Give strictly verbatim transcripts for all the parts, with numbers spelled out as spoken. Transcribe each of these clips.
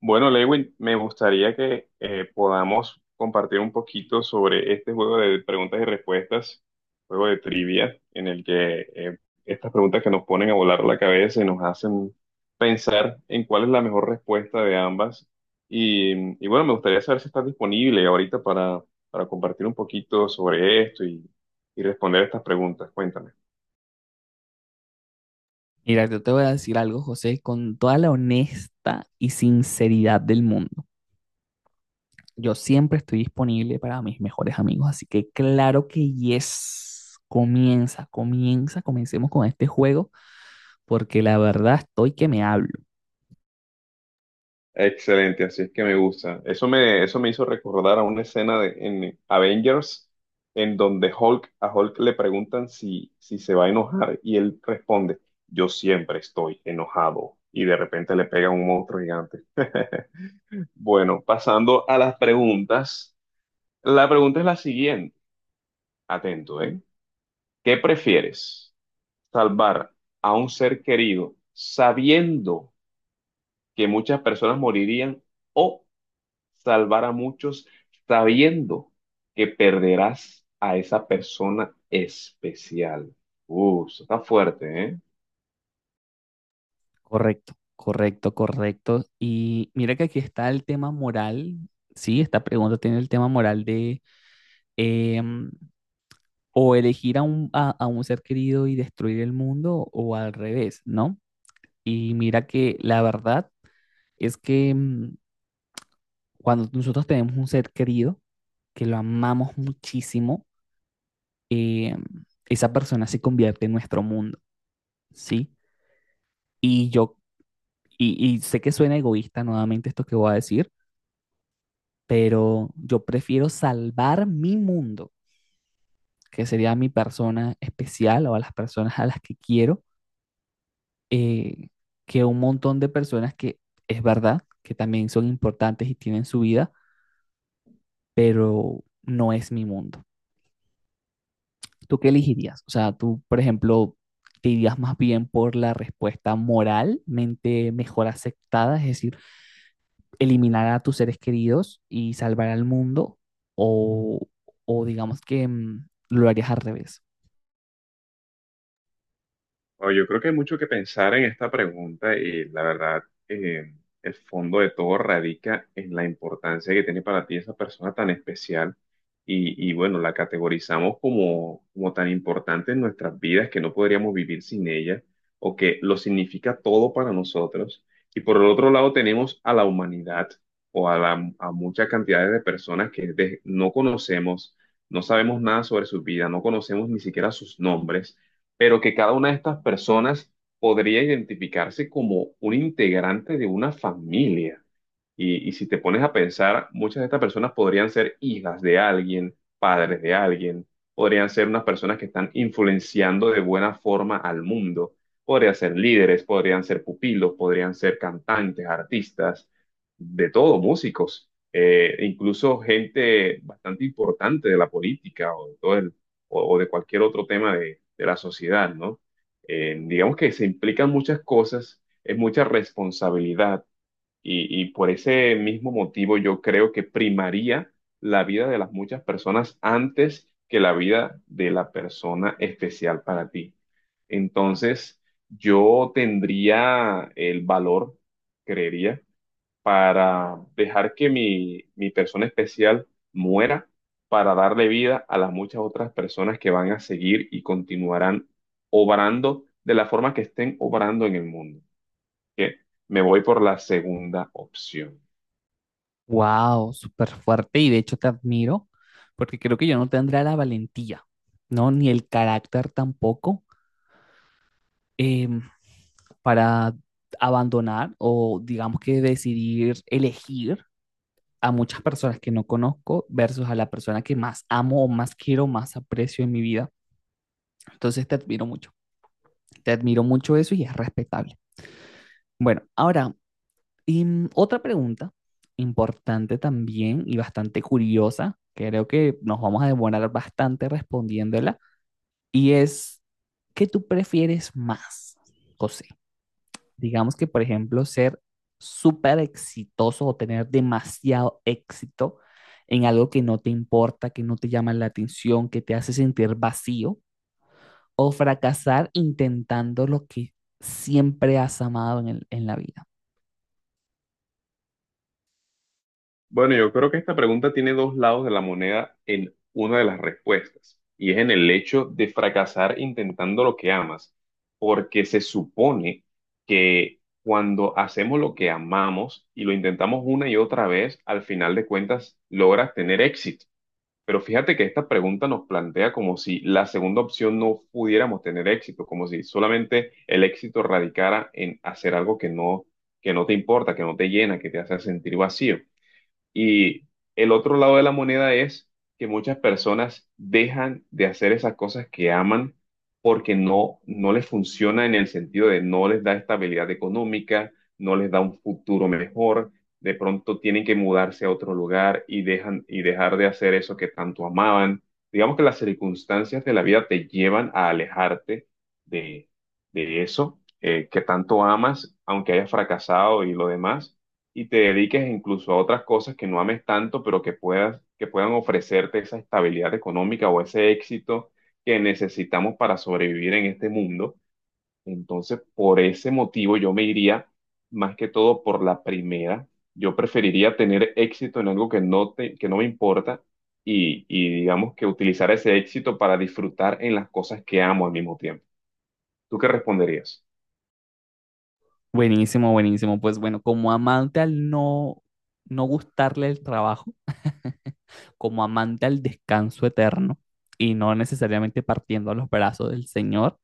Bueno, Lewin, me gustaría que eh, podamos compartir un poquito sobre este juego de preguntas y respuestas, juego de trivia, en el que eh, estas preguntas que nos ponen a volar la cabeza y nos hacen pensar en cuál es la mejor respuesta de ambas. Y, y bueno, me gustaría saber si estás disponible ahorita para, para compartir un poquito sobre esto y, y responder estas preguntas. Cuéntame. Mira, yo te voy a decir algo, José, con toda la honesta y sinceridad del mundo. Yo siempre estoy disponible para mis mejores amigos, así que claro que yes. Comienza, comienza, comencemos con este juego, porque la verdad estoy que me hablo. Excelente, así es que me gusta. Eso me, eso me hizo recordar a una escena de, en Avengers, en donde Hulk, a Hulk le preguntan si, si se va a enojar y él responde, yo siempre estoy enojado y de repente le pega un monstruo gigante. Bueno, pasando a las preguntas. La pregunta es la siguiente, atento, ¿eh? ¿Qué prefieres? ¿Salvar a un ser querido sabiendo que muchas personas morirían, o salvar a muchos sabiendo que perderás a esa persona especial? Uh, eso está fuerte, ¿eh? Correcto, correcto, correcto. Y mira que aquí está el tema moral. Sí, esta pregunta tiene el tema moral de em, o elegir a un, a a un ser querido y destruir el mundo o al revés, ¿no? Y mira que la verdad es que mm, cuando nosotros tenemos un ser querido, que lo amamos muchísimo, eh, esa persona se convierte en nuestro mundo, ¿sí? Y yo, y, y sé que suena egoísta nuevamente esto que voy a decir, pero yo prefiero salvar mi mundo, que sería mi persona especial o a las personas a las que quiero, eh, que un montón de personas que es verdad que también son importantes y tienen su vida, pero no es mi mundo. ¿Tú qué elegirías? O sea, tú, por ejemplo, te irías más bien por la respuesta moralmente mejor aceptada, es decir, eliminar a tus seres queridos y salvar al mundo, o, o digamos que mm, lo harías al revés. Bueno, yo creo que hay mucho que pensar en esta pregunta y la verdad, eh, el fondo de todo radica en la importancia que tiene para ti esa persona tan especial y, y bueno, la categorizamos como, como tan importante en nuestras vidas que no podríamos vivir sin ella o que lo significa todo para nosotros. Y por el otro lado tenemos a la humanidad o a, la, a muchas cantidades de personas que de- no conocemos, no sabemos nada sobre su vida, no conocemos ni siquiera sus nombres, pero que cada una de estas personas podría identificarse como un integrante de una familia. Y, y si te pones a pensar, muchas de estas personas podrían ser hijas de alguien, padres de alguien, podrían ser unas personas que están influenciando de buena forma al mundo, podrían ser líderes, podrían ser pupilos, podrían ser cantantes, artistas, de todo, músicos, eh, incluso gente bastante importante de la política o de todo el o, o de cualquier otro tema de, de la sociedad, ¿no? Eh, digamos que se implican muchas cosas, es mucha responsabilidad y, y por ese mismo motivo yo creo que primaría la vida de las muchas personas antes que la vida de la persona especial para ti. Entonces, yo tendría el valor, creería, para dejar que mi, mi persona especial muera, para darle vida a las muchas otras personas que van a seguir y continuarán obrando de la forma que estén obrando en el mundo. Que me voy por la segunda opción. Wow, súper fuerte y de hecho te admiro porque creo que yo no tendría la valentía, ¿no? Ni el carácter tampoco eh, para abandonar o digamos que decidir elegir a muchas personas que no conozco versus a la persona que más amo o más quiero, más aprecio en mi vida. Entonces te admiro mucho, te admiro mucho eso y es respetable. Bueno, ahora, y, otra pregunta importante también y bastante curiosa, creo que nos vamos a demorar bastante respondiéndola, y es, ¿qué tú prefieres más, José? Digamos que, por ejemplo, ser súper exitoso o tener demasiado éxito en algo que no te importa, que no te llama la atención, que te hace sentir vacío, o fracasar intentando lo que siempre has amado en el- en la vida. Bueno, yo creo que esta pregunta tiene dos lados de la moneda en una de las respuestas, y es en el hecho de fracasar intentando lo que amas, porque se supone que cuando hacemos lo que amamos y lo intentamos una y otra vez, al final de cuentas logras tener éxito. Pero fíjate que esta pregunta nos plantea como si la segunda opción no pudiéramos tener éxito, como si solamente el éxito radicara en hacer algo que no, que no te importa, que no te llena, que te hace sentir vacío. Y el otro lado de la moneda es que muchas personas dejan de hacer esas cosas que aman porque no, no les funciona en el sentido de no les da estabilidad económica, no les da un futuro mejor, de pronto tienen que mudarse a otro lugar y dejan y dejar de hacer eso que tanto amaban. Digamos que las circunstancias de la vida te llevan a alejarte de, de eso eh, que tanto amas, aunque hayas fracasado y lo demás, y te dediques incluso a otras cosas que no ames tanto, pero que puedas, que puedan ofrecerte esa estabilidad económica o ese éxito que necesitamos para sobrevivir en este mundo. Entonces, por ese motivo, yo me iría más que todo por la primera. Yo preferiría tener éxito en algo que no te, que no me importa y, y digamos que utilizar ese éxito para disfrutar en las cosas que amo al mismo tiempo. ¿Tú qué responderías? Buenísimo, buenísimo. Pues bueno, como amante al no, no gustarle el trabajo, como amante al descanso eterno y no necesariamente partiendo a los brazos del Señor,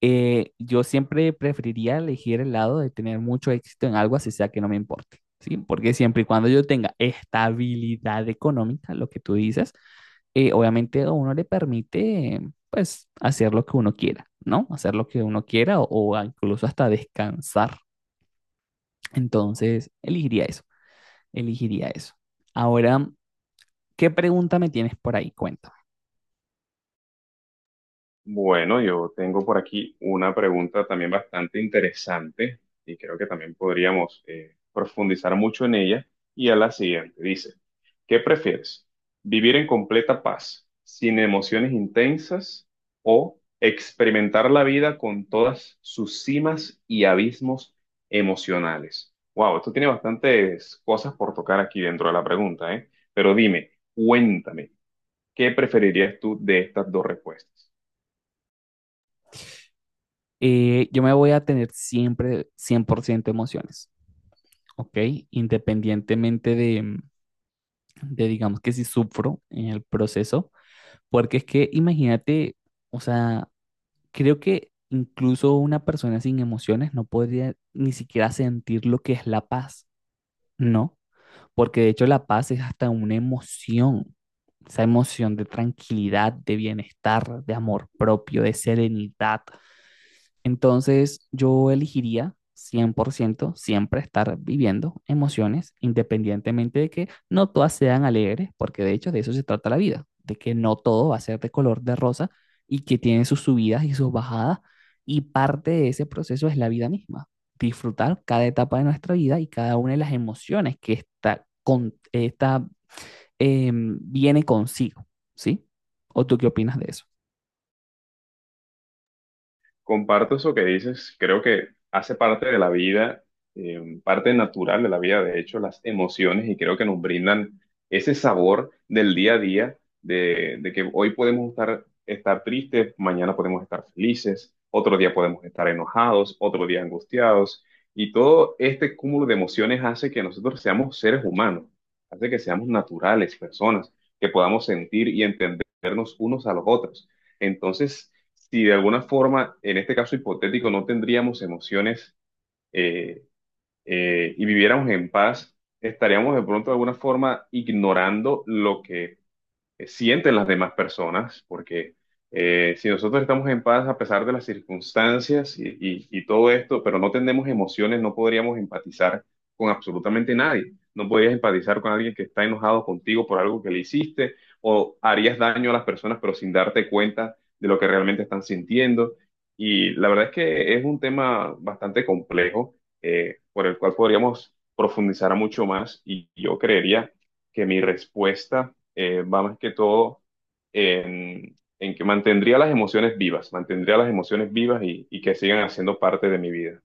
eh, yo siempre preferiría elegir el lado de tener mucho éxito en algo, así sea que no me importe, ¿sí? Porque siempre y cuando yo tenga estabilidad económica, lo que tú dices, eh, obviamente a uno le permite, pues, hacer lo que uno quiera, ¿no? Hacer lo que uno quiera o, o incluso hasta descansar. Entonces, elegiría eso, elegiría eso. Ahora, ¿qué pregunta me tienes por ahí? Cuéntame. Bueno, yo tengo por aquí una pregunta también bastante interesante y creo que también podríamos eh, profundizar mucho en ella. Y a la siguiente, dice, ¿qué prefieres? ¿Vivir en completa paz, sin emociones intensas, o experimentar la vida con todas sus cimas y abismos emocionales? Wow, esto tiene bastantes cosas por tocar aquí dentro de la pregunta, ¿eh? Pero dime, cuéntame, ¿qué preferirías tú de estas dos respuestas? Eh, yo me voy a tener siempre cien por ciento emociones. Ok, independientemente de, de, digamos que si sufro en el proceso, porque es que imagínate, o sea, creo que incluso una persona sin emociones no podría ni siquiera sentir lo que es la paz, ¿no? Porque de hecho la paz es hasta una emoción, esa emoción de tranquilidad, de bienestar, de amor propio, de serenidad, entonces, yo elegiría cien por ciento siempre estar viviendo emociones, independientemente de que no todas sean alegres, porque de hecho de eso se trata la vida, de que no todo va a ser de color de rosa y que tiene sus subidas y sus bajadas, y parte de ese proceso es la vida misma, disfrutar cada etapa de nuestra vida y cada una de las emociones que esta, con, esta, em, viene consigo, ¿sí? ¿O tú qué opinas de eso? Comparto eso que dices, creo que hace parte de la vida, eh, parte natural de la vida, de hecho, las emociones, y creo que nos brindan ese sabor del día a día, de, de que hoy podemos estar, estar tristes, mañana podemos estar felices, otro día podemos estar enojados, otro día angustiados, y todo este cúmulo de emociones hace que nosotros seamos seres humanos, hace que seamos naturales, personas, que podamos sentir y entendernos unos a los otros. Entonces, si de alguna forma, en este caso hipotético, no tendríamos emociones eh, eh, y viviéramos en paz, estaríamos de pronto de alguna forma ignorando lo que eh, sienten las demás personas, porque eh, si nosotros estamos en paz a pesar de las circunstancias y, y- y todo esto, pero no tenemos emociones, no podríamos empatizar con absolutamente nadie. No podrías empatizar con alguien que está enojado contigo por algo que le hiciste, o harías daño a las personas, pero sin darte cuenta de lo que realmente están sintiendo. Y la verdad es que es un tema bastante complejo, eh, por el cual podríamos profundizar mucho más y yo creería que mi respuesta eh, va más que todo en, en que mantendría las emociones vivas, mantendría las emociones vivas y, y que sigan haciendo parte de mi vida.